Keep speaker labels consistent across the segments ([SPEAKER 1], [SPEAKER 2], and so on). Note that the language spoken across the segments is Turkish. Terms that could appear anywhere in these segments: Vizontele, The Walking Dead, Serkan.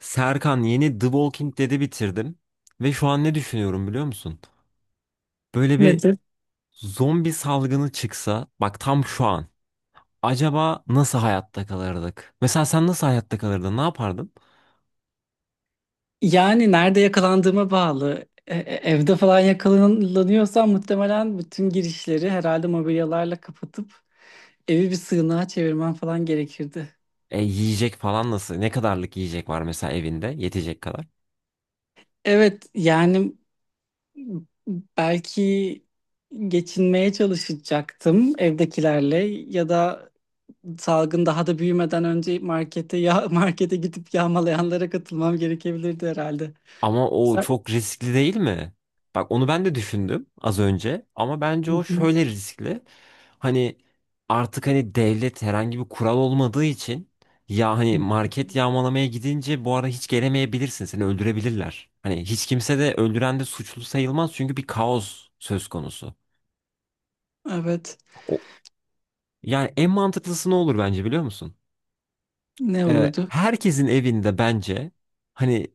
[SPEAKER 1] Serkan yeni The Walking Dead'i bitirdim. Ve şu an ne düşünüyorum biliyor musun? Böyle bir
[SPEAKER 2] Nedir?
[SPEAKER 1] zombi salgını çıksa bak tam şu an. Acaba nasıl hayatta kalırdık? Mesela sen nasıl hayatta kalırdın? Ne yapardın?
[SPEAKER 2] Yani nerede yakalandığıma bağlı. Evde falan yakalanıyorsam muhtemelen bütün girişleri herhalde mobilyalarla kapatıp evi bir sığınağa çevirmem falan gerekirdi.
[SPEAKER 1] Yiyecek falan nasıl? Ne kadarlık yiyecek var mesela evinde? Yetecek kadar.
[SPEAKER 2] Evet, yani belki geçinmeye çalışacaktım evdekilerle ya da salgın daha da büyümeden önce markete ya markete gidip yağmalayanlara katılmam gerekebilirdi herhalde.
[SPEAKER 1] Ama o
[SPEAKER 2] Sen-
[SPEAKER 1] çok riskli değil mi? Bak onu ben de düşündüm az önce ama bence o şöyle riskli. Hani artık hani devlet herhangi bir kural olmadığı için ya hani market yağmalamaya gidince bu ara hiç gelemeyebilirsin. Seni öldürebilirler. Hani hiç kimse de öldüren de suçlu sayılmaz çünkü bir kaos söz konusu.
[SPEAKER 2] Evet.
[SPEAKER 1] O, yani en mantıklısı ne olur bence biliyor musun?
[SPEAKER 2] Ne olurdu?
[SPEAKER 1] Herkesin evinde bence hani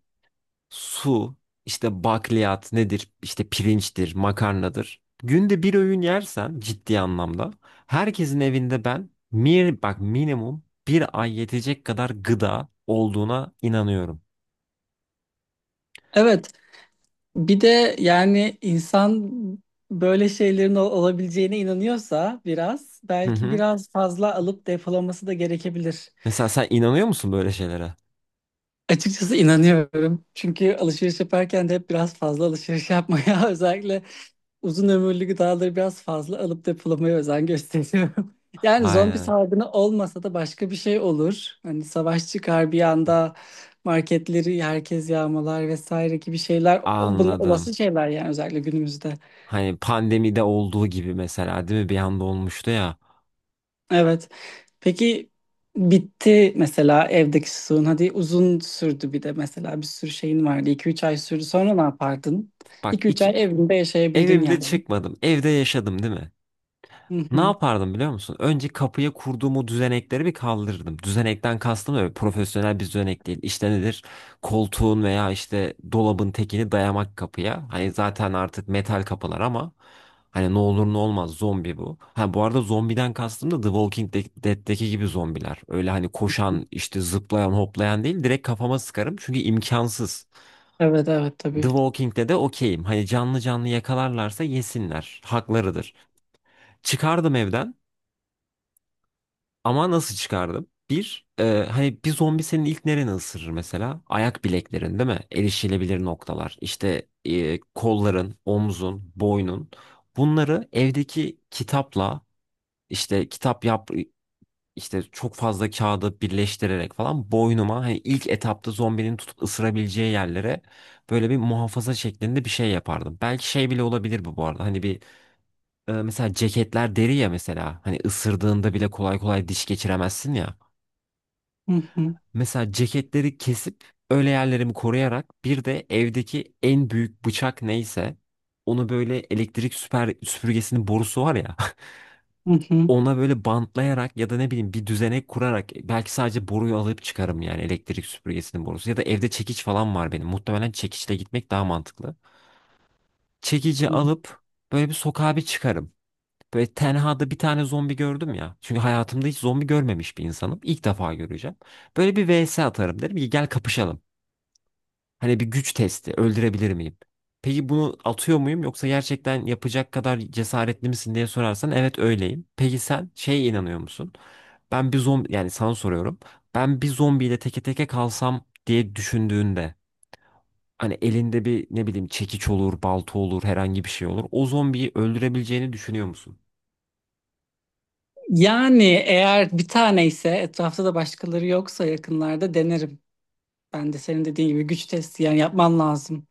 [SPEAKER 1] su, işte bakliyat nedir? İşte pirinçtir, makarnadır. Günde bir öğün yersen ciddi anlamda herkesin evinde ben mir bak minimum bir ay yetecek kadar gıda olduğuna inanıyorum.
[SPEAKER 2] Evet. Bir de yani insan böyle şeylerin olabileceğine inanıyorsa biraz
[SPEAKER 1] Hı
[SPEAKER 2] belki
[SPEAKER 1] hı.
[SPEAKER 2] biraz fazla alıp depolaması da gerekebilir.
[SPEAKER 1] Mesela sen inanıyor musun böyle şeylere?
[SPEAKER 2] Açıkçası inanıyorum. Çünkü alışveriş yaparken de hep biraz fazla alışveriş yapmaya özellikle uzun ömürlü gıdaları biraz fazla alıp depolamaya özen gösteriyorum. Yani zombi
[SPEAKER 1] Aynen.
[SPEAKER 2] salgını olmasa da başka bir şey olur. Hani savaş çıkar bir anda marketleri herkes yağmalar vesaire gibi şeyler. O- Bunlar
[SPEAKER 1] Anladım.
[SPEAKER 2] olası şeyler yani özellikle günümüzde.
[SPEAKER 1] Hani pandemide olduğu gibi mesela değil mi? Bir anda olmuştu ya.
[SPEAKER 2] Evet. Peki, bitti mesela evdeki suyun. Hadi uzun sürdü, bir de mesela bir sürü şeyin vardı. İki üç ay sürdü. Sonra ne yapardın?
[SPEAKER 1] Bak
[SPEAKER 2] İki üç ay evinde yaşayabildin
[SPEAKER 1] evimde
[SPEAKER 2] yani.
[SPEAKER 1] çıkmadım. Evde yaşadım değil mi?
[SPEAKER 2] Hı
[SPEAKER 1] Ne
[SPEAKER 2] hı.
[SPEAKER 1] yapardım biliyor musun? Önce kapıya kurduğum o düzenekleri bir kaldırırdım. Düzenekten kastım öyle profesyonel bir düzenek değil. İşte nedir? Koltuğun veya işte dolabın tekini dayamak kapıya. Hani zaten artık metal kapılar ama hani ne olur ne olmaz zombi bu. Ha bu arada zombiden kastım da The Walking Dead'deki gibi zombiler. Öyle hani koşan işte zıplayan hoplayan değil direkt kafama sıkarım çünkü imkansız.
[SPEAKER 2] Evet evet,
[SPEAKER 1] The
[SPEAKER 2] tabii.
[SPEAKER 1] Walking'de de okeyim. Hani canlı canlı yakalarlarsa yesinler. Haklarıdır. Çıkardım evden. Ama nasıl çıkardım? Hani bir zombi senin ilk nereni ısırır mesela? Ayak bileklerin değil mi? Erişilebilir noktalar. İşte kolların, omzun, boynun. Bunları evdeki kitapla işte kitap yap işte çok fazla kağıdı birleştirerek falan boynuma hani ilk etapta zombinin tutup ısırabileceği yerlere böyle bir muhafaza şeklinde bir şey yapardım. Belki şey bile olabilir bu arada. Hani bir mesela ceketler deri ya mesela. Hani ısırdığında bile kolay kolay diş geçiremezsin ya.
[SPEAKER 2] Hı hı.
[SPEAKER 1] Mesela ceketleri kesip öyle yerlerimi koruyarak bir de evdeki en büyük bıçak neyse onu böyle elektrik süper süpürgesinin borusu var ya
[SPEAKER 2] Hı hı.
[SPEAKER 1] ona böyle bantlayarak ya da ne bileyim bir düzenek kurarak belki sadece boruyu alıp çıkarım yani elektrik süpürgesinin borusu ya da evde çekiç falan var benim muhtemelen çekiçle gitmek daha mantıklı. Çekici alıp böyle bir sokağa bir çıkarım. Böyle tenhada bir tane zombi gördüm ya. Çünkü hayatımda hiç zombi görmemiş bir insanım. İlk defa göreceğim. Böyle bir vs atarım derim ki gel kapışalım. Hani bir güç testi. Öldürebilir miyim? Peki bunu atıyor muyum yoksa gerçekten yapacak kadar cesaretli misin diye sorarsan evet öyleyim. Peki sen şeye inanıyor musun? Ben bir zombi yani sana soruyorum. Ben bir zombiyle teke teke kalsam diye düşündüğünde hani elinde bir ne bileyim çekiç olur, balta olur, herhangi bir şey olur. O zombiyi öldürebileceğini düşünüyor musun?
[SPEAKER 2] Yani eğer bir tane ise, etrafta da başkaları yoksa yakınlarda denerim. Ben de senin dediğin gibi güç testi yani yapman lazım.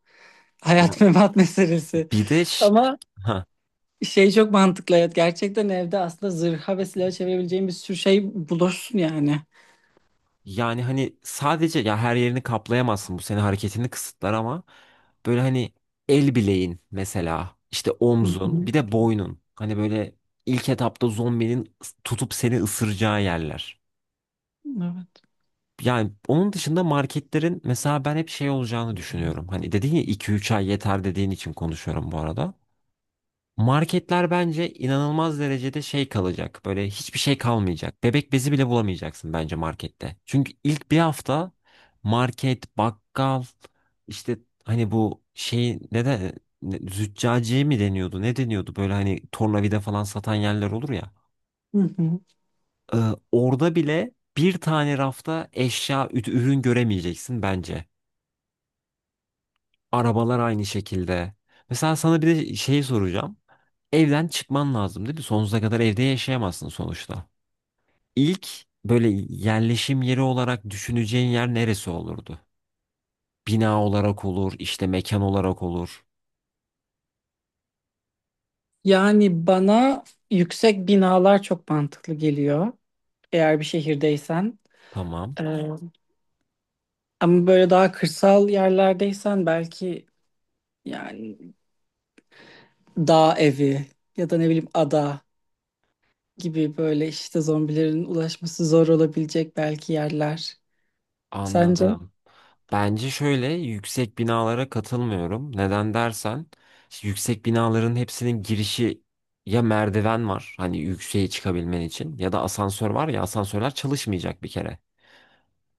[SPEAKER 1] Ya
[SPEAKER 2] Hayat memat meselesi.
[SPEAKER 1] bir de
[SPEAKER 2] Ama
[SPEAKER 1] ha.
[SPEAKER 2] şey çok mantıklı, evet. Gerçekten evde aslında zırha ve silaha çevirebileceğin bir sürü şey bulursun yani.
[SPEAKER 1] Yani hani sadece ya her yerini kaplayamazsın bu senin hareketini kısıtlar ama böyle hani el bileğin mesela işte omzun bir de boynun hani böyle ilk etapta zombinin tutup seni ısıracağı yerler.
[SPEAKER 2] Evet.
[SPEAKER 1] Yani onun dışında marketlerin mesela ben hep şey olacağını düşünüyorum. Hani dedin ya 2-3 ay yeter dediğin için konuşuyorum bu arada. Marketler bence inanılmaz derecede şey kalacak. Böyle hiçbir şey kalmayacak. Bebek bezi bile bulamayacaksın bence markette. Çünkü ilk bir hafta market, bakkal, işte hani bu şey ne de züccaciye mi deniyordu? Ne deniyordu? Böyle hani tornavida falan satan yerler olur ya.
[SPEAKER 2] Hı hı.
[SPEAKER 1] Ee, orada bile bir tane rafta eşya, ürün göremeyeceksin bence. Arabalar aynı şekilde. Mesela sana bir de şeyi soracağım. Evden çıkman lazım dedi. Sonsuza kadar evde yaşayamazsın sonuçta. İlk böyle yerleşim yeri olarak düşüneceğin yer neresi olurdu? Bina olarak olur, işte mekan olarak olur.
[SPEAKER 2] Yani bana yüksek binalar çok mantıklı geliyor. Eğer bir şehirdeysen.
[SPEAKER 1] Tamam,
[SPEAKER 2] Ee, Ama böyle daha kırsal yerlerdeysen belki yani dağ evi ya da ne bileyim ada gibi, böyle işte zombilerin ulaşması zor olabilecek belki yerler. Sence?
[SPEAKER 1] anladım. Bence şöyle yüksek binalara katılmıyorum. Neden dersen, işte yüksek binaların hepsinin girişi ya merdiven var, hani yükseğe çıkabilmen için ya da asansör var ya asansörler çalışmayacak bir kere.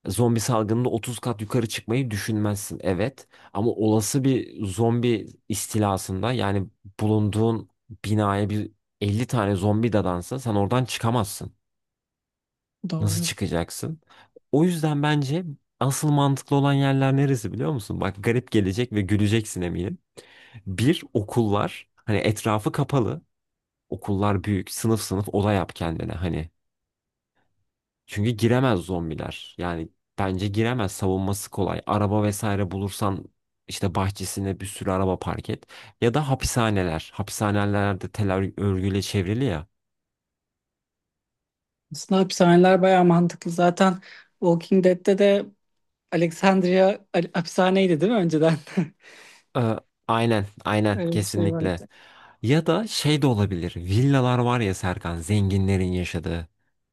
[SPEAKER 1] Zombi salgınında 30 kat yukarı çıkmayı düşünmezsin evet ama olası bir zombi istilasında yani bulunduğun binaya bir 50 tane zombi dadansa sen oradan çıkamazsın. Nasıl
[SPEAKER 2] Doğru.
[SPEAKER 1] çıkacaksın? O yüzden bence asıl mantıklı olan yerler neresi biliyor musun? Bak garip gelecek ve güleceksin eminim. Bir okullar hani etrafı kapalı okullar büyük sınıf sınıf oda yap kendine hani çünkü giremez zombiler. Yani bence giremez. Savunması kolay. Araba vesaire bulursan işte bahçesine bir sürü araba park et. Ya da hapishaneler. Hapishaneler de tel örgüyle çevrili ya.
[SPEAKER 2] Aslında hapishaneler bayağı mantıklı. Zaten Walking Dead'te de Alexandria hapishaneydi değil mi önceden?
[SPEAKER 1] Ee, aynen, aynen
[SPEAKER 2] Öyle bir şey vardı.
[SPEAKER 1] kesinlikle. Ya da şey de olabilir. Villalar var ya Serkan, zenginlerin yaşadığı.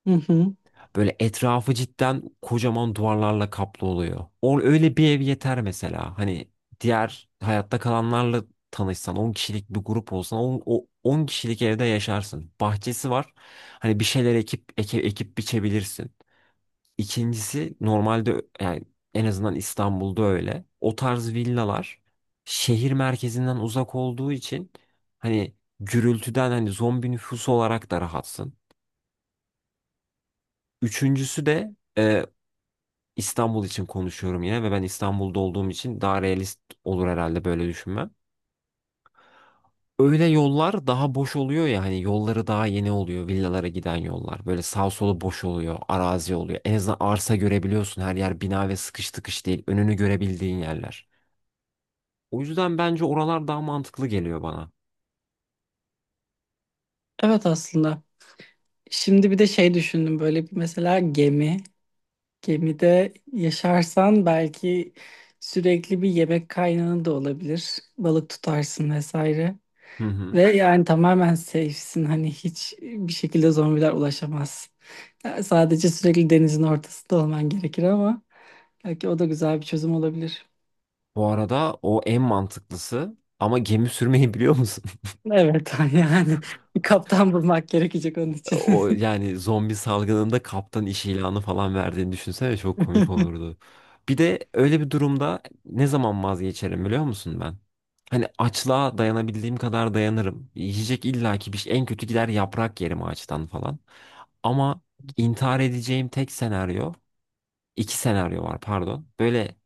[SPEAKER 2] Hı hı.
[SPEAKER 1] Böyle etrafı cidden kocaman duvarlarla kaplı oluyor. O öyle bir ev yeter mesela. Hani diğer hayatta kalanlarla tanışsan, 10 kişilik bir grup olsan, o 10 kişilik evde yaşarsın. Bahçesi var. Hani bir şeyler ekip ekip biçebilirsin. İkincisi normalde yani en azından İstanbul'da öyle. O tarz villalar şehir merkezinden uzak olduğu için hani gürültüden hani zombi nüfusu olarak da rahatsın. Üçüncüsü de İstanbul için konuşuyorum yine ve ben İstanbul'da olduğum için daha realist olur herhalde böyle düşünmem. Öyle yollar daha boş oluyor ya hani yolları daha yeni oluyor villalara giden yollar. Böyle sağ solu boş oluyor, arazi oluyor. En azından arsa görebiliyorsun her yer bina ve sıkış tıkış değil. Önünü görebildiğin yerler. O yüzden bence oralar daha mantıklı geliyor bana.
[SPEAKER 2] Evet aslında. Şimdi bir de şey düşündüm, böyle bir mesela gemi. Gemide yaşarsan belki sürekli bir yemek kaynağı da olabilir. Balık tutarsın vesaire.
[SPEAKER 1] Hı hı.
[SPEAKER 2] Ve yani tamamen safe'sin. Hani hiç bir şekilde zombiler ulaşamaz. Yani sadece sürekli denizin ortasında olman gerekir ama belki o da güzel bir çözüm olabilir.
[SPEAKER 1] Bu arada o en mantıklısı ama gemi sürmeyi biliyor musun?
[SPEAKER 2] Evet yani bir kaptan bulmak gerekecek onun için.
[SPEAKER 1] O yani zombi salgınında kaptan iş ilanı falan verdiğini düşünsene çok komik olurdu. Bir de öyle bir durumda ne zaman vazgeçerim biliyor musun ben? Hani açlığa dayanabildiğim kadar dayanırım. Yiyecek illaki bir şey. En kötü gider yaprak yerim ağaçtan falan. Ama intihar edeceğim tek senaryo, iki senaryo var pardon. Böyle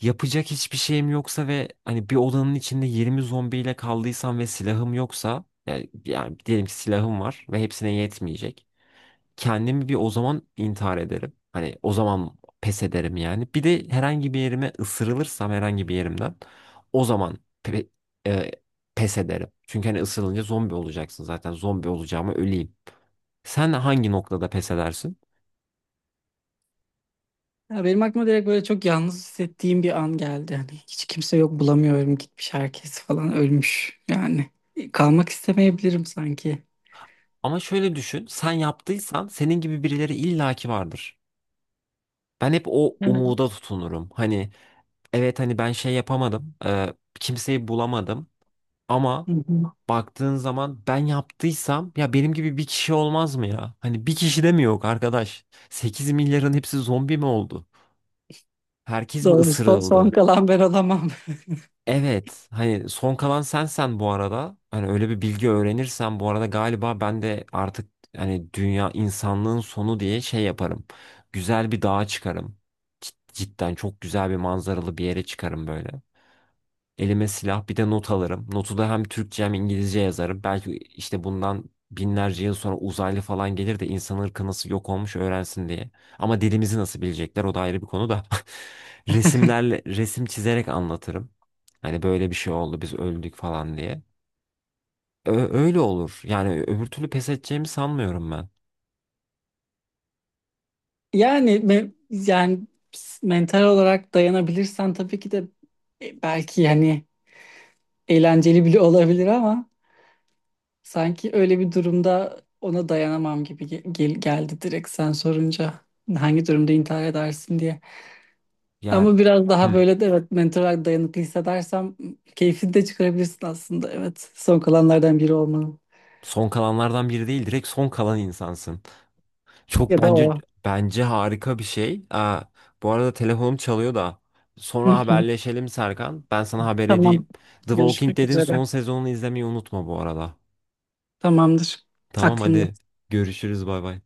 [SPEAKER 1] yapacak hiçbir şeyim yoksa ve hani bir odanın içinde 20 zombiyle kaldıysam ve silahım yoksa yani, diyelim ki silahım var ve hepsine yetmeyecek kendimi bir o zaman intihar ederim. Hani o zaman pes ederim yani. Bir de herhangi bir yerime ısırılırsam herhangi bir yerimden o zaman pe- e, pes ederim. Çünkü hani ısırılınca zombi olacaksın zaten. Zombi olacağıma öleyim. Sen hangi noktada pes edersin?
[SPEAKER 2] Ya benim aklıma direkt böyle çok yalnız hissettiğim bir an geldi. Hani hiç kimse yok, bulamıyorum, gitmiş herkes falan, ölmüş yani. Kalmak istemeyebilirim sanki.
[SPEAKER 1] Ama şöyle düşün, sen yaptıysan senin gibi birileri illaki vardır. Ben hep o
[SPEAKER 2] Evet.
[SPEAKER 1] umuda tutunurum. Hani evet hani ben şey yapamadım, kimseyi bulamadım ama
[SPEAKER 2] Hı hı.
[SPEAKER 1] baktığın zaman ben yaptıysam ya benim gibi bir kişi olmaz mı ya? Hani bir kişi de mi yok arkadaş? 8 milyarın hepsi zombi mi oldu? Herkes mi
[SPEAKER 2] Doğru, son, son
[SPEAKER 1] ısırıldı?
[SPEAKER 2] kalan ben olamam.
[SPEAKER 1] Evet. Hani son kalan sensen bu arada. Hani öyle bir bilgi öğrenirsen bu arada galiba ben de artık hani dünya insanlığın sonu diye şey yaparım. Güzel bir dağa çıkarım. Cidden çok güzel bir manzaralı bir yere çıkarım böyle. Elime silah bir de not alırım. Notu da hem Türkçe hem İngilizce yazarım. Belki işte bundan binlerce yıl sonra uzaylı falan gelir de insan ırkı nasıl yok olmuş öğrensin diye. Ama dilimizi nasıl bilecekler o da ayrı bir konu da. Resimlerle, resim çizerek anlatırım. Hani böyle bir şey oldu biz öldük falan diye. Öyle olur. Yani öbür türlü pes edeceğimi sanmıyorum ben.
[SPEAKER 2] Yani me- yani Mental olarak dayanabilirsen tabii ki de belki yani eğlenceli bile olabilir ama sanki öyle bir durumda ona dayanamam gibi geldi direkt sen sorunca. Hangi durumda intihar edersin diye.
[SPEAKER 1] Ya
[SPEAKER 2] Ama biraz daha
[SPEAKER 1] hmm,
[SPEAKER 2] böyle de, evet, mental olarak dayanıklı hissedersem keyfini de çıkarabilirsin aslında. Evet, son kalanlardan biri olmanın
[SPEAKER 1] son kalanlardan biri değil direkt son kalan insansın. Çok
[SPEAKER 2] ya da
[SPEAKER 1] bence
[SPEAKER 2] o.
[SPEAKER 1] bence harika bir şey. Aa, bu arada telefonum çalıyor da.
[SPEAKER 2] Hı
[SPEAKER 1] Sonra
[SPEAKER 2] hı.
[SPEAKER 1] haberleşelim Serkan. Ben sana haber
[SPEAKER 2] Tamam,
[SPEAKER 1] edeyim. The Walking
[SPEAKER 2] görüşmek
[SPEAKER 1] Dead'in
[SPEAKER 2] üzere.
[SPEAKER 1] son sezonunu izlemeyi unutma bu arada.
[SPEAKER 2] Tamamdır.
[SPEAKER 1] Tamam
[SPEAKER 2] Aklımda.
[SPEAKER 1] hadi görüşürüz bay bay.